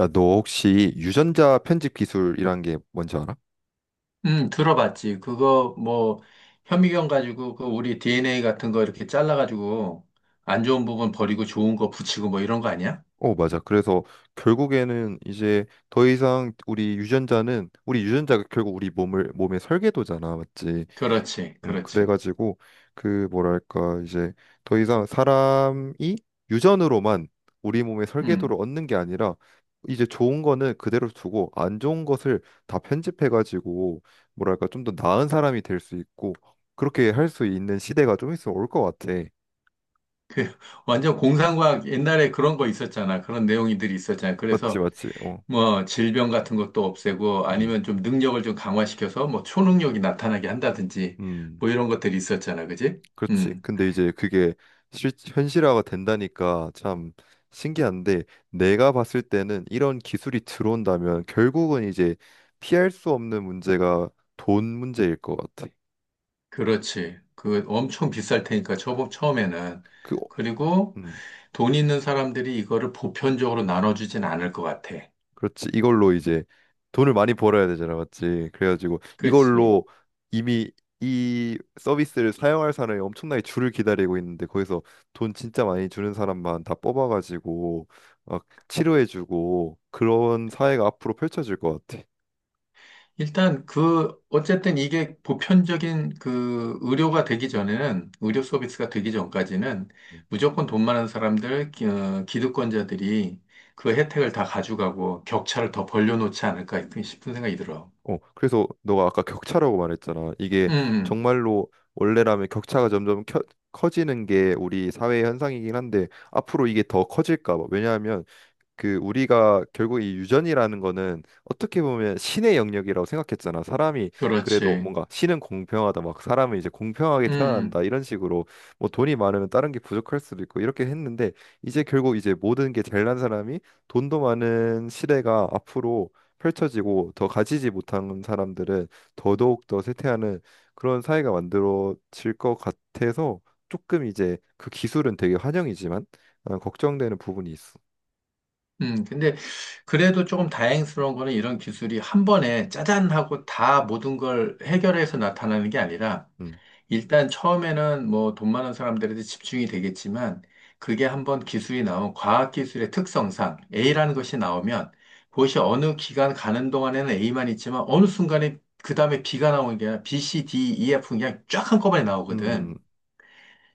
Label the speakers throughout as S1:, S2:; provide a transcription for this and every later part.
S1: 야, 너 혹시 유전자 편집 기술이란 게 뭔지 알아?
S2: 들어봤지. 그거 뭐 현미경 가지고 그 우리 DNA 같은 거 이렇게 잘라가지고 안 좋은 부분 버리고 좋은 거 붙이고 뭐 이런 거 아니야?
S1: 어, 맞아. 그래서 결국에는 이제 더 이상 우리 유전자가 결국 우리 몸을 몸의 설계도잖아, 맞지?
S2: 그렇지, 그렇지.
S1: 그래가지고 그 뭐랄까 이제 더 이상 사람이 유전으로만 우리 몸의 설계도를
S2: 음,
S1: 얻는 게 아니라 이제 좋은 거는 그대로 두고 안 좋은 것을 다 편집해가지고 뭐랄까 좀 더 나은 사람이 될 수 있고 그렇게 할 수 있는 시대가 좀 있으면 올 것 같아.
S2: 그 완전 공상과학 옛날에 그런 거 있었잖아. 그런 내용들이 있었잖아.
S1: 맞지,
S2: 그래서
S1: 맞지. 어.
S2: 뭐 질병 같은 것도 없애고
S1: 음,
S2: 아니면 좀 능력을 좀 강화시켜서 뭐 초능력이 나타나게 한다든지
S1: 음,
S2: 뭐 이런 것들이 있었잖아. 그지?
S1: 그렇지.
S2: 음,
S1: 근데 이제 그게 현실화가 된다니까 참 신기한데 내가 봤을 때는 이런 기술이 들어온다면 결국은 이제 피할 수 없는 문제가 돈 문제일 것 같아.
S2: 그렇지. 그 엄청 비쌀 테니까 처음에는.
S1: 그, 어,
S2: 그리고
S1: 음.
S2: 돈 있는 사람들이 이거를 보편적으로 나눠주진 않을 것 같아.
S1: 그렇지. 이걸로 이제 돈을 많이 벌어야 되잖아, 맞지? 그래가지고
S2: 그렇지.
S1: 이걸로 이미 이 서비스를 사용할 사람이 엄청나게 줄을 기다리고 있는데 거기서 돈 진짜 많이 주는 사람만 다 뽑아가지고 막 치료해주고 그런 사회가 앞으로 펼쳐질 것 같아.
S2: 일단 그, 어쨌든 이게 보편적인 그 의료가 되기 전에는, 의료 서비스가 되기 전까지는 무조건 돈 많은 사람들, 기득권자들이 그 혜택을 다 가져가고 격차를 더 벌려놓지 않을까 싶은 생각이 들어.
S1: 어, 그래서 너가 아까 격차라고 말했잖아. 이게
S2: 음, 음.
S1: 정말로 원래라면 격차가 점점 커지는 게 우리 사회의 현상이긴 한데 앞으로 이게 더 커질까 봐. 왜냐하면 그 우리가 결국 이 유전이라는 거는 어떻게 보면 신의 영역이라고 생각했잖아. 사람이 그래도
S2: 그렇지.
S1: 뭔가 신은 공평하다, 막 사람은 이제 공평하게
S2: 음,
S1: 태어난다 이런 식으로 뭐 돈이 많으면 다른 게 부족할 수도 있고 이렇게 했는데 이제 결국 이제 모든 게 잘난 사람이 돈도 많은 시대가 앞으로 펼쳐지고 더 가지지 못한 사람들은 더더욱 더 쇠퇴하는 그런 사회가 만들어질 것 같아서 조금 이제 그 기술은 되게 환영이지만 아, 걱정되는 부분이 있어.
S2: 음. 근데 그래도 조금 다행스러운 거는 이런 기술이 한 번에 짜잔 하고 다 모든 걸 해결해서 나타나는 게 아니라
S1: 음.
S2: 일단 처음에는 뭐 돈 많은 사람들한테 집중이 되겠지만 그게 한번 기술이 나온 과학기술의 특성상 A라는 것이 나오면 그것이 어느 기간 가는 동안에는 A만 있지만 어느 순간에 그 다음에 B가 나오는 게 아니라 B, C, D, E, F 그냥 쫙 한꺼번에 나오거든.
S1: 음,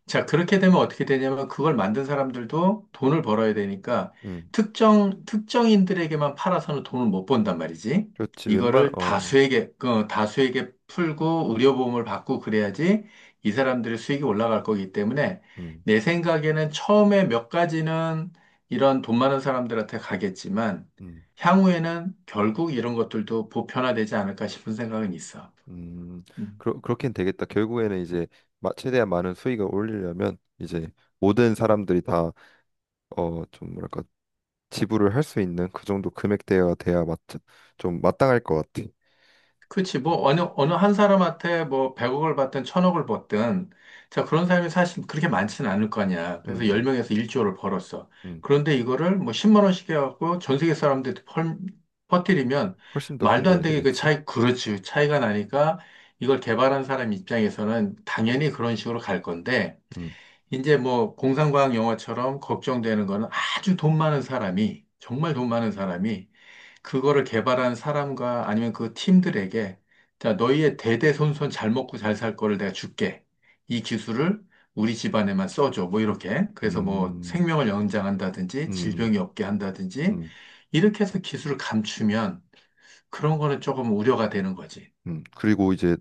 S2: 자, 그렇게 되면 어떻게 되냐면 그걸 만든 사람들도 돈을 벌어야 되니까
S1: 음,
S2: 특정인들에게만 팔아서는 돈을 못 번단 말이지.
S1: 그렇지.
S2: 이거를
S1: 어,
S2: 다수에게, 그, 다수에게 풀고 의료보험을 받고 그래야지 이 사람들의 수익이 올라갈 거기 때문에
S1: 음,
S2: 내 생각에는 처음에 몇 가지는 이런 돈 많은 사람들한테 가겠지만
S1: 음,
S2: 향후에는 결국 이런 것들도 보편화되지 않을까 싶은 생각은 있어.
S1: 음,
S2: 음.
S1: 그렇긴 되겠다. 결국에는 이제 최대한 많은 수익을 올리려면 이제 모든 사람들이 다, 어, 좀 뭐랄까, 지불을 할 수 있는 그 정도 금액대가 돼야 좀 마땅할 것 같아.
S2: 그치, 뭐, 어느 한 사람한테 뭐, 100억을 받든 1000억을 받든, 자, 그런 사람이 사실 그렇게 많지는 않을 거 아니야.
S1: 음,
S2: 그래서
S1: 음,
S2: 10명에서 1조를 벌었어.
S1: 음.
S2: 그런데 이거를 뭐, 10만 원씩 해갖고 전 세계 사람들한테 퍼뜨리면,
S1: 훨씬 더 큰
S2: 말도 안
S1: 돈이
S2: 되게 그
S1: 되겠지.
S2: 차이, 그렇지, 차이가 나니까, 이걸 개발한 사람 입장에서는 당연히 그런 식으로 갈 건데,
S1: 음,
S2: 이제 뭐, 공상과학 영화처럼 걱정되는 거는 아주 돈 많은 사람이, 정말 돈 많은 사람이, 그거를 개발한 사람과 아니면 그 팀들에게 자, 너희의 대대손손 잘 먹고 잘 살 거를 내가 줄게. 이 기술을 우리 집안에만 써줘. 뭐 이렇게. 그래서 뭐
S1: 음,
S2: 생명을 연장한다든지
S1: 음,
S2: 질병이 없게 한다든지
S1: 음,
S2: 이렇게 해서 기술을 감추면 그런 거는 조금 우려가 되는 거지.
S1: 그리고 이제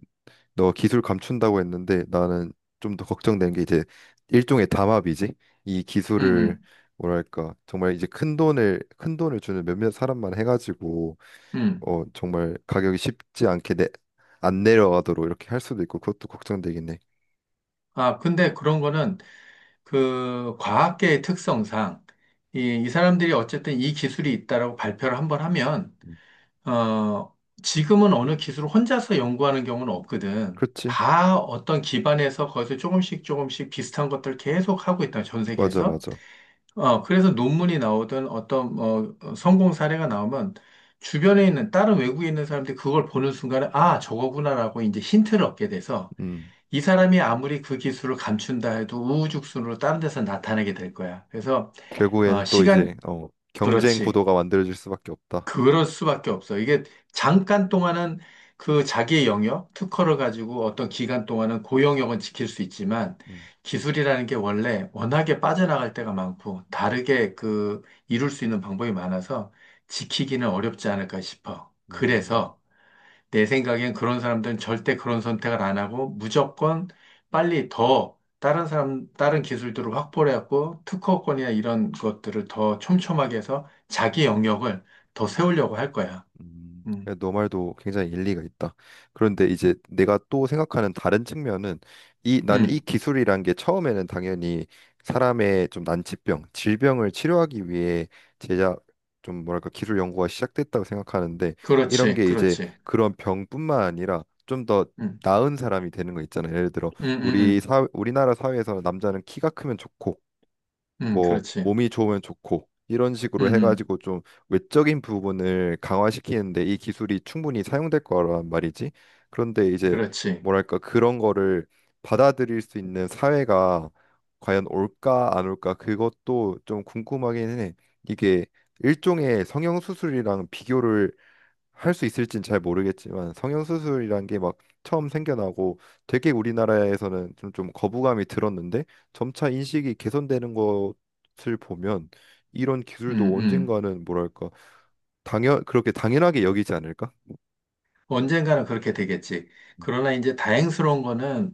S1: 너 기술 감춘다고 했는데 나는 좀 더 걱정된 게 이제 일종의 담합이지. 이
S2: 음,
S1: 기술을
S2: 음,
S1: 뭐랄까 정말 이제 큰 돈을 큰 돈을 주는 몇몇 사람만 해가지고
S2: 음.
S1: 어 정말 가격이 쉽지 않게 안 내려가도록 이렇게 할 수도 있고 그것도 걱정되긴 해.
S2: 아, 근데 그런 거는 그 과학계의 특성상 이 사람들이 어쨌든 이 기술이 있다라고 발표를 한번 하면
S1: 음,
S2: 어, 지금은 어느 기술을 혼자서 연구하는 경우는 없거든.
S1: 그렇지?
S2: 다 어떤 기반에서 거기서 조금씩 조금씩 비슷한 것들을 계속 하고 있다, 전
S1: 맞아
S2: 세계에서.
S1: 맞아.
S2: 어, 그래서 논문이 나오든 어떤, 성공 사례가 나오면 주변에 있는, 다른 외국에 있는 사람들이 그걸 보는 순간에, 아, 저거구나라고 이제 힌트를 얻게 돼서
S1: 음
S2: 이 사람이 아무리 그 기술을 감춘다 해도 우후죽순으로 다른 데서 나타나게 될 거야. 그래서,
S1: 결국에는
S2: 어,
S1: 또 이제
S2: 시간,
S1: 어 경쟁
S2: 그렇지.
S1: 구도가 만들어질 수밖에 없다.
S2: 그럴 수밖에 없어. 이게 잠깐 동안은 그 자기의 영역, 특허를 가지고 어떤 기간 동안은 고 영역은 지킬 수 있지만
S1: 음.
S2: 기술이라는 게 원래 워낙에 빠져나갈 때가 많고 다르게 그 이룰 수 있는 방법이 많아서 지키기는 어렵지 않을까 싶어.
S1: 음.
S2: 그래서 내 생각엔 그런 사람들은 절대 그런 선택을 안 하고 무조건 빨리 더 다른 사람, 다른 기술들을 확보를 해갖고 특허권이나 이런 것들을 더 촘촘하게 해서 자기 영역을 더 세우려고 할 거야.
S1: 음,
S2: 음,
S1: 너 말도 굉장히 일리가 있다. 그런데 이제 내가 또 생각하는 다른 측면은 이 나는 이
S2: 음,
S1: 기술이란 게 처음에는 당연히 사람의 좀 난치병, 질병을 치료하기 위해 제작 좀 뭐랄까 기술 연구가 시작됐다고 생각하는데 이런
S2: 그렇지,
S1: 게 이제
S2: 그렇지.
S1: 그런 병뿐만 아니라 좀 더
S2: 음,
S1: 나은 사람이 되는 거 있잖아요. 예를 들어
S2: 음, 음, 음,
S1: 우리나라 사회에서 남자는 키가 크면 좋고 뭐
S2: 그렇지.
S1: 몸이 좋으면 좋고 이런
S2: 음,
S1: 식으로
S2: 음,
S1: 해가지고 좀 외적인 부분을 강화시키는데 이 기술이 충분히 사용될 거란 말이지. 그런데 이제
S2: 그렇지.
S1: 뭐랄까 그런 거를 받아들일 수 있는 사회가 과연 올까 안 올까 그것도 좀 궁금하긴 해. 이게 일종의 성형수술이랑 비교를 할 수 있을진 잘 모르겠지만 성형수술이란 게 막 처음 생겨나고 되게 우리나라에서는 좀, 좀 거부감이 들었는데 점차 인식이 개선되는 것을 보면 이런
S2: 음,
S1: 기술도
S2: 음.
S1: 언젠가는 뭐랄까 당연 그렇게 당연하게 여기지 않을까?
S2: 언젠가는 그렇게 되겠지.
S1: 음,
S2: 그러나 이제 다행스러운 거는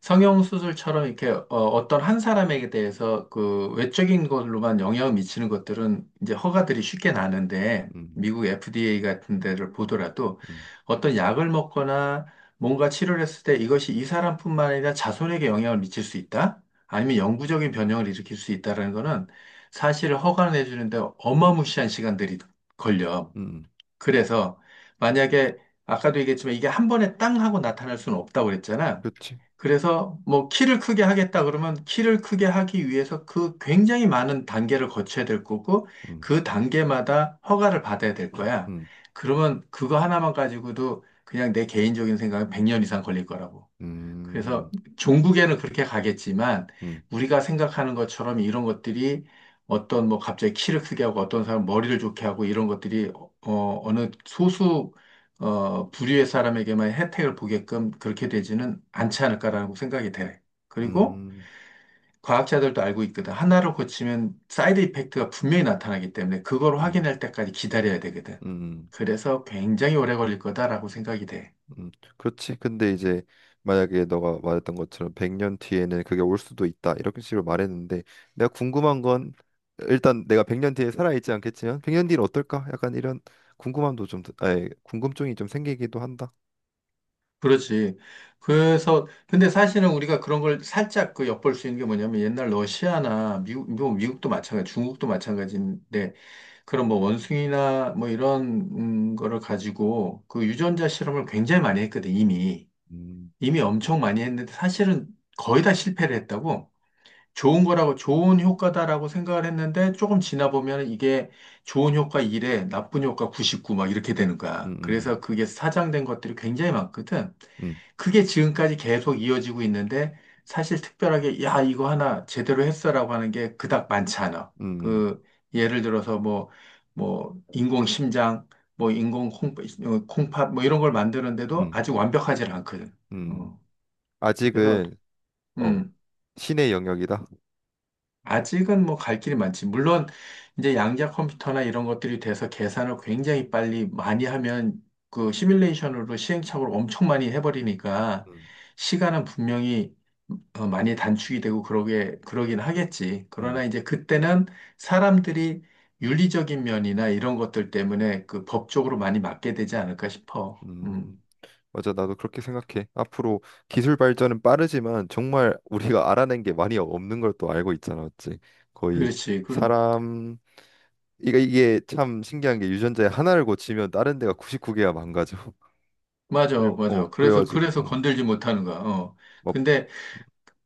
S2: 성형수술처럼 이렇게 어, 어떤 한 사람에게 대해서 그 외적인 걸로만 영향을 미치는 것들은 이제 허가들이 쉽게 나는데
S1: 음,
S2: 미국 FDA 같은 데를 보더라도
S1: 음,
S2: 어떤 약을 먹거나 뭔가 치료를 했을 때 이것이 이 사람뿐만 아니라 자손에게 영향을 미칠 수 있다? 아니면 영구적인 변형을 일으킬 수 있다라는 거는 사실 허가를 내주는데 어마무시한 시간들이 걸려.
S1: 음,
S2: 그래서 만약에 아까도 얘기했지만 이게 한 번에 땅 하고 나타날 수는 없다고 그랬잖아.
S1: 그렇지.
S2: 그래서 뭐 키를 크게 하겠다 그러면 키를 크게 하기 위해서 그 굉장히 많은 단계를 거쳐야 될 거고
S1: 음,
S2: 그 단계마다 허가를 받아야 될 거야.
S1: 음,
S2: 그러면 그거 하나만 가지고도 그냥 내 개인적인 생각은 100년 이상 걸릴 거라고. 그래서
S1: 음,
S2: 종국에는 그렇게 가겠지만
S1: 음,
S2: 우리가 생각하는 것처럼 이런 것들이 어떤 뭐 갑자기 키를 크게 하고 어떤 사람 머리를 좋게 하고 이런 것들이 어느 소수 어 부류의 사람에게만 혜택을 보게끔 그렇게 되지는 않지 않을까라고 생각이 돼. 그리고
S1: 음,
S2: 과학자들도 알고 있거든. 하나를 고치면 사이드 이펙트가 분명히 나타나기 때문에 그걸
S1: 음,
S2: 확인할 때까지 기다려야 되거든.
S1: 음.
S2: 그래서 굉장히 오래 걸릴 거다라고 생각이 돼.
S1: 음, 그렇지. 근데 이제 만약에 너가 말했던 것처럼 100년 뒤에는 그게 올 수도 있다. 이렇게 식으로 말했는데 내가 궁금한 건 일단 내가 100년 뒤에 살아 있지 않겠지만 100년 뒤는 어떨까? 약간 이런 궁금함도 좀 아니, 궁금증이 좀 생기기도 한다.
S2: 그렇지. 근데 사실은 우리가 그런 걸 살짝 그 엿볼 수 있는 게 뭐냐면 옛날 러시아나 미국, 뭐 미국도 마찬가지, 중국도 마찬가지인데 그런 뭐 원숭이나 뭐 이런 거를 가지고 그 유전자 실험을 굉장히 많이 했거든, 이미.
S1: 음,
S2: 이미 엄청 많이 했는데 사실은 거의 다 실패를 했다고. 좋은 거라고, 좋은 효과다라고 생각을 했는데 조금 지나 보면 이게 좋은 효과 1에 나쁜 효과 99 막 이렇게 되는
S1: 음,
S2: 거야.
S1: 음,
S2: 그래서 그게 사장된 것들이 굉장히 많거든.
S1: 음,
S2: 그게 지금까지 계속 이어지고 있는데 사실 특별하게 야, 이거 하나 제대로 했어라고 하는 게 그닥 많지 않아.
S1: 음,
S2: 그 예를 들어서 뭐, 인공 심장, 뭐, 인공 콩, 어, 콩팥 뭐 이런 걸
S1: 음,
S2: 만드는데도
S1: 음.
S2: 아직 완벽하지 않거든.
S1: 음.
S2: 어, 그래서,
S1: 아직은 어
S2: 음.
S1: 신의 영역이다.
S2: 아직은 뭐 갈 길이 많지. 물론 이제 양자 컴퓨터나 이런 것들이 돼서 계산을 굉장히 빨리 많이 하면 그 시뮬레이션으로 시행착오를 엄청 많이 해버리니까
S1: 음,
S2: 시간은 분명히 어, 많이 단축이 되고 그러게 그러긴 하겠지.
S1: 음,
S2: 그러나 이제 그때는 사람들이 윤리적인 면이나 이런 것들 때문에 그 법적으로 많이 맞게 되지 않을까 싶어.
S1: 음. 맞아, 나도 그렇게 생각해. 앞으로 기술 발전은 빠르지만 정말 우리가 알아낸 게 많이 없는 걸 또 알고 있잖아, 맞지? 거의
S2: 그렇지. 그럼
S1: 사람 이게 참 신기한 게 유전자에 하나를 고치면 다른 데가 99개가 망가져.
S2: 맞아,
S1: 그래, 어,
S2: 맞아. 그래서
S1: 그래가지고
S2: 그래서
S1: 어,
S2: 건들지 못하는 거야. 어.
S1: 막
S2: 근데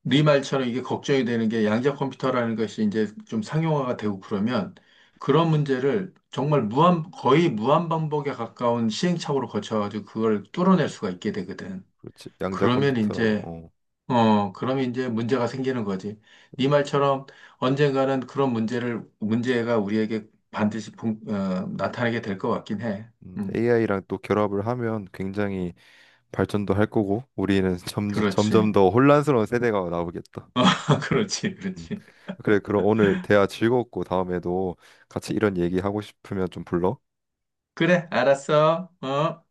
S2: 네 말처럼 이게 걱정이 되는 게 양자 컴퓨터라는 것이 이제 좀 상용화가 되고 그러면 그런 문제를 정말 무한, 거의 무한 반복에 가까운 시행착오를 거쳐가지고 그걸 뚫어낼 수가 있게 되거든.
S1: 그렇지. 양자
S2: 그러면
S1: 컴퓨터랑
S2: 이제,
S1: 어,
S2: 어, 그러면 이제 문제가 생기는 거지. 네 말처럼 언젠가는 그런 문제가 우리에게 반드시 나타나게 될 것 같긴 해. 음,
S1: AI랑 또 결합을 하면 굉장히 발전도 할 거고 우리는 점점 점점
S2: 그렇지.
S1: 더 혼란스러운 세대가 나오겠다.
S2: 그렇지,
S1: 음.
S2: 그렇지.
S1: 그래, 그럼 오늘 대화 즐거웠고 다음에도 같이 이런 얘기 하고 싶으면 좀 불러.
S2: 그래, 알았어. 어?